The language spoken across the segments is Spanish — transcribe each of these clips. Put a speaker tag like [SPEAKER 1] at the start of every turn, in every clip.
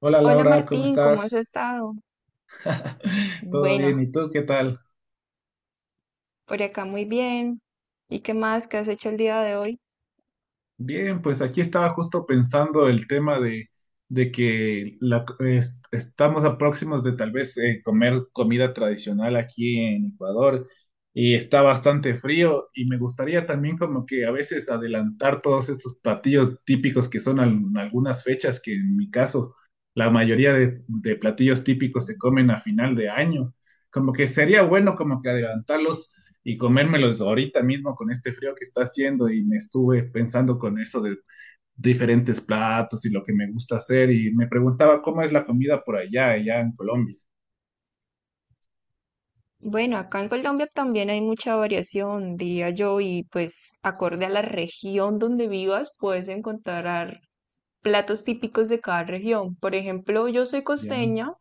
[SPEAKER 1] Hola
[SPEAKER 2] Hola
[SPEAKER 1] Laura, ¿cómo
[SPEAKER 2] Martín, ¿cómo has
[SPEAKER 1] estás?
[SPEAKER 2] estado?
[SPEAKER 1] ¿Todo bien?
[SPEAKER 2] Bueno,
[SPEAKER 1] ¿Y tú qué tal?
[SPEAKER 2] por acá muy bien. ¿Y qué más? ¿Qué has hecho el día de hoy?
[SPEAKER 1] Bien, pues aquí estaba justo pensando el tema de que estamos a próximos de tal vez comer comida tradicional aquí en Ecuador. Y está bastante frío, y me gustaría también, como que, a veces adelantar todos estos platillos típicos que son en algunas fechas, que en mi caso la mayoría de platillos típicos se comen a final de año. Como que sería bueno como que adelantarlos y comérmelos ahorita mismo con este frío que está haciendo. Y me estuve pensando con eso de diferentes platos y lo que me gusta hacer, y me preguntaba cómo es la comida por allá, allá en Colombia.
[SPEAKER 2] Bueno, acá en Colombia también hay mucha variación, diría yo, y pues acorde a la región donde vivas puedes encontrar platos típicos de cada región. Por ejemplo, yo soy
[SPEAKER 1] Ya,
[SPEAKER 2] costeña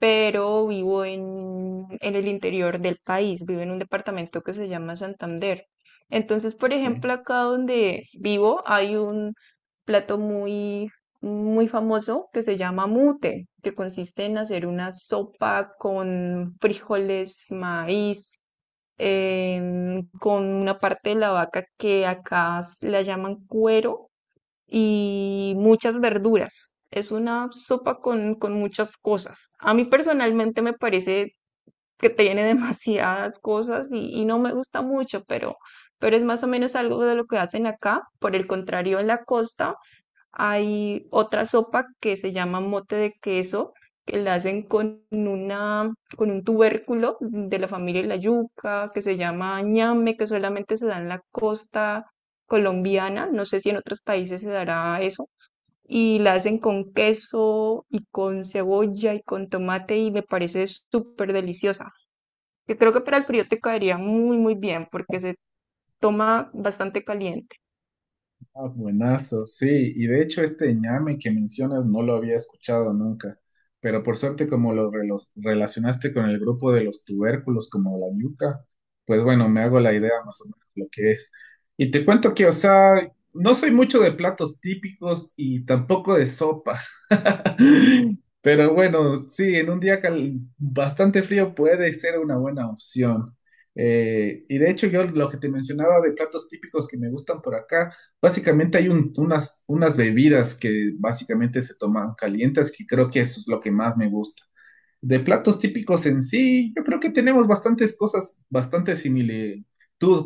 [SPEAKER 2] pero vivo en el interior del país, vivo en un departamento que se llama Santander. Entonces, por
[SPEAKER 1] ok.
[SPEAKER 2] ejemplo, acá donde vivo hay un plato muy famoso que se llama mute, que consiste en hacer una sopa con frijoles, maíz, con una parte de la vaca que acá la llaman cuero y muchas verduras. Es una sopa con muchas cosas. A mí personalmente me parece que tiene demasiadas cosas y no me gusta mucho, pero es más o menos algo de lo que hacen acá. Por el contrario, en la costa hay otra sopa que se llama mote de queso, que la hacen con un tubérculo de la familia de la yuca, que se llama ñame, que solamente se da en la costa colombiana. No sé si en otros países se dará eso y la hacen con queso y con cebolla y con tomate y me parece súper deliciosa. Que creo que para el frío te caería muy bien porque se toma bastante caliente.
[SPEAKER 1] Ah, buenazo, sí, y de hecho este ñame que mencionas no lo había escuchado nunca, pero por suerte, como lo relacionaste con el grupo de los tubérculos como la yuca, pues bueno, me hago la idea más o menos lo que es. Y te cuento que, o sea, no soy mucho de platos típicos y tampoco de sopas, pero bueno, sí, en un día bastante frío puede ser una buena opción. Y de hecho yo lo que te mencionaba de platos típicos que me gustan por acá, básicamente hay unas bebidas que básicamente se toman calientes, que creo que eso es lo que más me gusta. De platos típicos en sí, yo creo que tenemos bastantes cosas, bastante similitud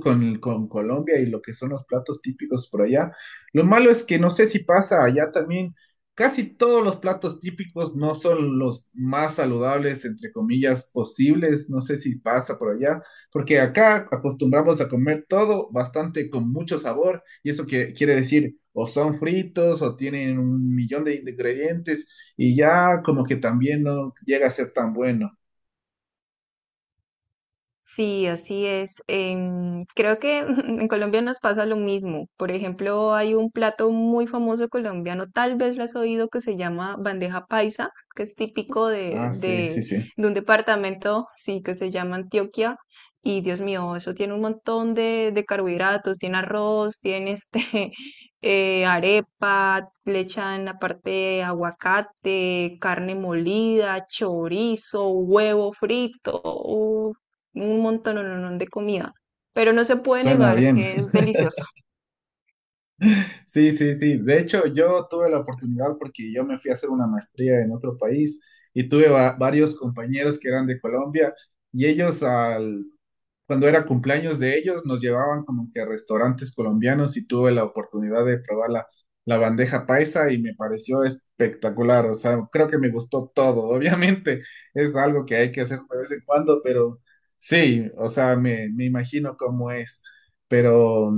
[SPEAKER 1] con Colombia y lo que son los platos típicos por allá. Lo malo es que no sé si pasa allá también. Casi todos los platos típicos no son los más saludables, entre comillas, posibles. No sé si pasa por allá, porque acá acostumbramos a comer todo bastante con mucho sabor, y eso que quiere decir: o son fritos o tienen un millón de ingredientes y ya, como que también, no llega a ser tan bueno.
[SPEAKER 2] Sí, así es. Em, creo que en Colombia nos pasa lo mismo. Por ejemplo, hay un plato muy famoso colombiano, tal vez lo has oído, que se llama bandeja paisa, que es típico
[SPEAKER 1] Ah, sí, sí, sí.
[SPEAKER 2] de un departamento, sí, que se llama Antioquia. Y Dios mío, eso tiene un montón de carbohidratos, tiene arroz, tiene este, arepa, le echan aparte aguacate, carne molida, chorizo, huevo frito un montón de comida, pero no se puede
[SPEAKER 1] Suena
[SPEAKER 2] negar
[SPEAKER 1] bien.
[SPEAKER 2] que es deliciosa.
[SPEAKER 1] Sí, sí, sí. De hecho, yo tuve la oportunidad, porque yo me fui a hacer una maestría en otro país, y tuve varios compañeros que eran de Colombia, y ellos al, cuando era cumpleaños de ellos, nos llevaban como que a restaurantes colombianos, y tuve la oportunidad de probar la bandeja paisa, y me pareció espectacular. O sea, creo que me gustó todo. Obviamente es algo que hay que hacer de vez en cuando, pero sí, o sea, me imagino cómo es. Pero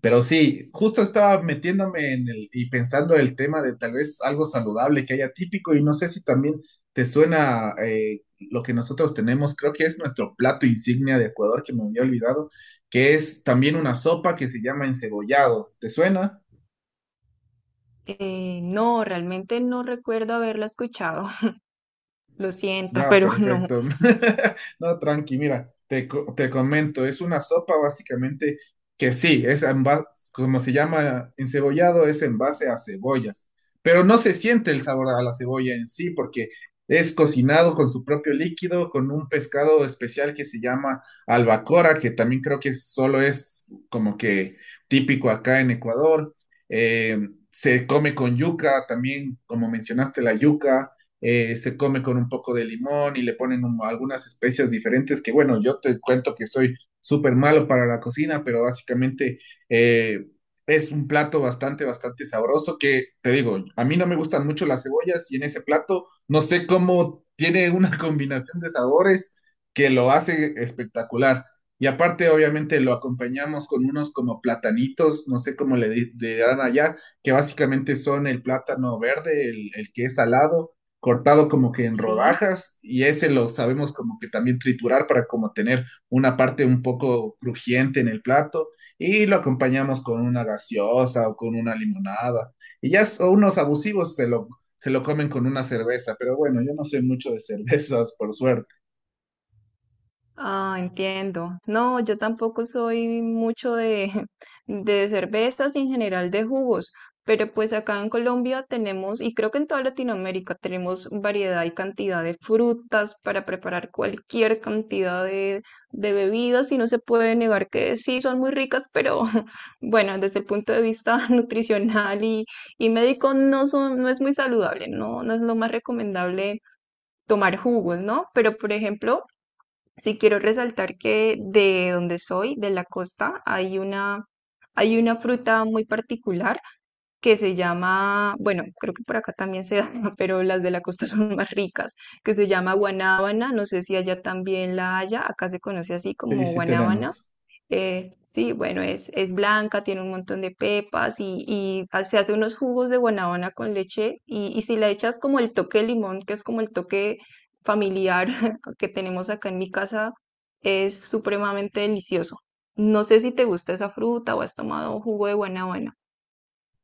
[SPEAKER 1] pero sí, justo estaba metiéndome en el y pensando el tema de tal vez algo saludable que haya típico, y no sé si también te suena lo que nosotros tenemos, creo que es nuestro plato insignia de Ecuador, que me había olvidado, que es también una sopa, que se llama encebollado. ¿Te suena?
[SPEAKER 2] No, realmente no recuerdo haberla escuchado. Lo siento,
[SPEAKER 1] Ya,
[SPEAKER 2] pero no.
[SPEAKER 1] perfecto. No, tranqui, mira, te comento, es una sopa básicamente que sí, es en como se llama encebollado, es en base a cebollas, pero no se siente el sabor a la cebolla en sí, porque es cocinado con su propio líquido, con un pescado especial que se llama albacora, que también creo que solo es como que típico acá en Ecuador. Eh, Se come con yuca, también como mencionaste la yuca. Se come con un poco de limón y le ponen algunas especias diferentes que, bueno, yo te cuento que soy súper malo para la cocina, pero básicamente, eh, es un plato bastante, bastante sabroso, que te digo, a mí no me gustan mucho las cebollas y en ese plato no sé cómo tiene una combinación de sabores que lo hace espectacular. Y aparte, obviamente, lo acompañamos con unos como platanitos, no sé cómo le dirán allá, que básicamente son el plátano verde, el que es salado, cortado como que en
[SPEAKER 2] Sí.
[SPEAKER 1] rodajas, y ese lo sabemos como que también triturar para como tener una parte un poco crujiente en el plato, y lo acompañamos con una gaseosa o con una limonada. Y ya son unos abusivos, se lo comen con una cerveza, pero bueno, yo no soy mucho de cervezas, por suerte.
[SPEAKER 2] Ah, entiendo. No, yo tampoco soy mucho de cervezas y en general de jugos, pero pues acá en Colombia tenemos, y creo que en toda Latinoamérica tenemos variedad y cantidad de frutas para preparar cualquier cantidad de bebidas y no se puede negar que sí son muy ricas, pero bueno, desde el punto de vista nutricional y médico no son, no es muy saludable, no, no es lo más recomendable tomar jugos, ¿no? Pero por ejemplo... Sí quiero resaltar que de donde soy, de la costa, hay una fruta muy particular que se llama, bueno, creo que por acá también se da, pero las de la costa son más ricas, que se llama guanábana, no sé si allá también la haya, acá se conoce así
[SPEAKER 1] Sí,
[SPEAKER 2] como
[SPEAKER 1] sí
[SPEAKER 2] guanábana.
[SPEAKER 1] tenemos.
[SPEAKER 2] Sí, bueno, es blanca, tiene un montón de pepas y se hace unos jugos de guanábana con leche y si le echas como el toque de limón, que es como el toque familiar que tenemos acá en mi casa, es supremamente delicioso. No sé si te gusta esa fruta o has tomado jugo de guanábana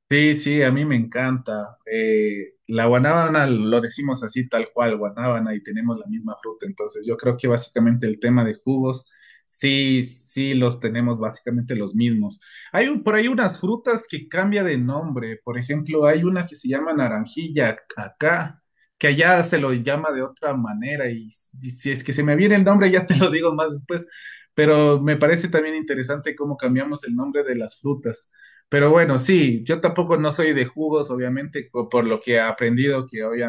[SPEAKER 1] Sí, sí, a mí me encanta. La guanábana lo decimos así tal cual, guanábana, y tenemos la misma fruta. Entonces yo creo que básicamente el tema de jugos, sí, sí los tenemos básicamente los mismos. Hay por ahí unas frutas que cambia de nombre. Por ejemplo, hay una que se llama naranjilla acá, que allá se lo llama de otra manera. Y, y si es que se me viene el nombre, ya te lo digo más después. Pero me parece también interesante cómo cambiamos el nombre de las frutas. Pero bueno, sí, yo tampoco no soy de jugos, obviamente, por lo que he aprendido, que hoy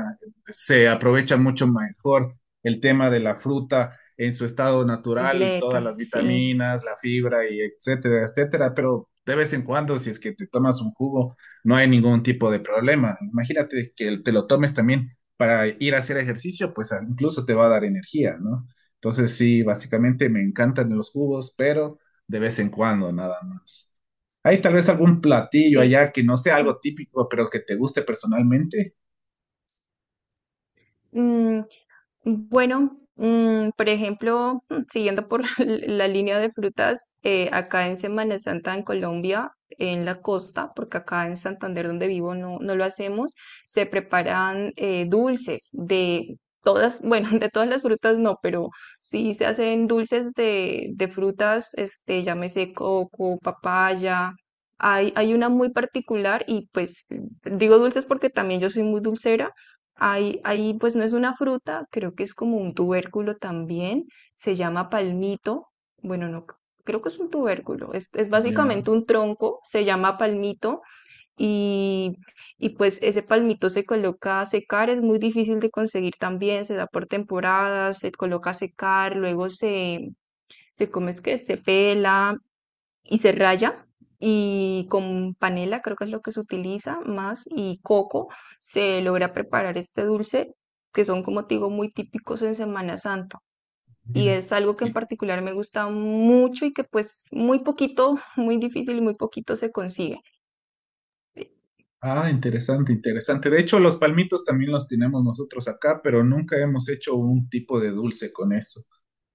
[SPEAKER 1] se aprovecha mucho mejor el tema de la fruta en su estado natural,
[SPEAKER 2] completa,
[SPEAKER 1] todas las
[SPEAKER 2] sí,
[SPEAKER 1] vitaminas, la fibra y etcétera, etcétera. Pero de vez en cuando, si es que te tomas un jugo, no hay ningún tipo de problema. Imagínate que te lo tomes también para ir a hacer ejercicio, pues incluso te va a dar energía, ¿no? Entonces sí, básicamente me encantan los jugos, pero de vez en cuando, nada más. Hay tal vez algún platillo
[SPEAKER 2] sí.
[SPEAKER 1] allá que no sea algo típico, pero que te guste personalmente.
[SPEAKER 2] Bueno, por ejemplo, siguiendo por la línea de frutas, acá en Semana Santa en Colombia, en la costa, porque acá en Santander donde vivo no, no lo hacemos, se preparan dulces de todas, bueno, de todas las frutas no, pero sí se hacen dulces de frutas, este, llámese coco, papaya. Hay una muy particular y pues digo dulces porque también yo soy muy dulcera. Ahí pues no es una fruta, creo que es como un tubérculo también, se llama palmito, bueno, no, creo que es un tubérculo, es
[SPEAKER 1] Ya,
[SPEAKER 2] básicamente un tronco, se llama palmito y, y pues ese palmito se coloca a secar, es muy difícil de conseguir también, se da por temporadas, se coloca a secar, se come, es que se pela y se raya y con panela, creo que es lo que se utiliza más, y coco, se logra preparar este dulce que son, como te digo, muy típicos en Semana Santa. Y
[SPEAKER 1] mira.
[SPEAKER 2] es algo que en
[SPEAKER 1] Y-
[SPEAKER 2] particular me gusta mucho y que pues muy poquito, muy difícil y muy poquito se consigue.
[SPEAKER 1] Ah, interesante, interesante. De hecho, los palmitos también los tenemos nosotros acá, pero nunca hemos hecho un tipo de dulce con eso.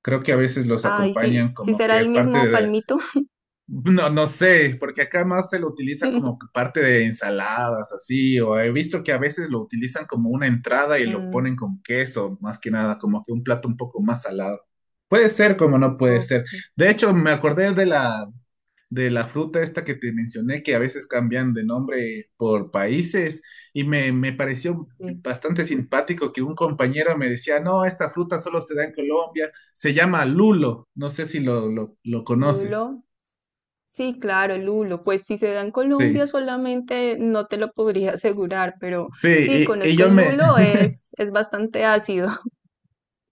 [SPEAKER 1] Creo que a veces los
[SPEAKER 2] Ay, sí,
[SPEAKER 1] acompañan
[SPEAKER 2] sí
[SPEAKER 1] como
[SPEAKER 2] será
[SPEAKER 1] que
[SPEAKER 2] el
[SPEAKER 1] es parte
[SPEAKER 2] mismo
[SPEAKER 1] de,
[SPEAKER 2] palmito.
[SPEAKER 1] no, no sé, porque acá más se lo utiliza como que parte de ensaladas, así, o he visto que a veces lo utilizan como una entrada y lo
[SPEAKER 2] Mm,
[SPEAKER 1] ponen con queso, más que nada, como que un plato un poco más salado. Puede ser como no puede
[SPEAKER 2] ok.
[SPEAKER 1] ser. De hecho, me acordé de de la fruta esta que te mencioné, que a veces cambian de nombre por países, y me pareció bastante simpático que un compañero me decía, no, esta fruta solo se da en Colombia, se llama lulo, no sé si lo conoces.
[SPEAKER 2] Lulo, sí, claro, lulo. Pues si se da en Colombia
[SPEAKER 1] Sí.
[SPEAKER 2] solamente no te lo podría asegurar, pero sí,
[SPEAKER 1] Sí, y
[SPEAKER 2] conozco
[SPEAKER 1] yo
[SPEAKER 2] el
[SPEAKER 1] me,
[SPEAKER 2] lulo, es bastante ácido.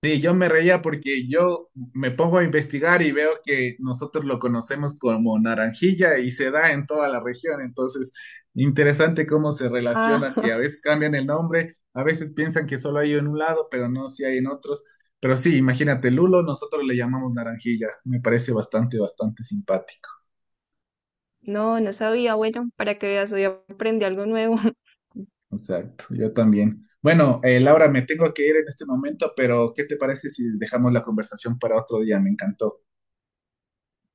[SPEAKER 1] sí, yo me reía porque yo me pongo a investigar y veo que nosotros lo conocemos como naranjilla y se da en toda la región. Entonces, interesante cómo se relaciona, que a
[SPEAKER 2] Ah,
[SPEAKER 1] veces cambian el nombre, a veces piensan que solo hay en un lado, pero no, si hay en otros. Pero sí, imagínate, lulo, nosotros le llamamos naranjilla. Me parece bastante, bastante simpático.
[SPEAKER 2] no, no sabía. Bueno, para que veas, hoy aprendí algo nuevo.
[SPEAKER 1] Exacto, yo también. Bueno, Laura, me tengo que ir en este momento, pero ¿qué te parece si dejamos la conversación para otro día? Me encantó.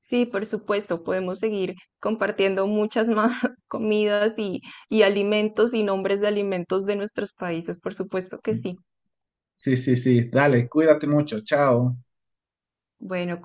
[SPEAKER 2] Sí, por supuesto, podemos seguir compartiendo muchas más comidas y alimentos y nombres de alimentos de nuestros países, por supuesto que sí.
[SPEAKER 1] Sí, sí, sí. Dale, cuídate mucho. Chao.
[SPEAKER 2] Bueno,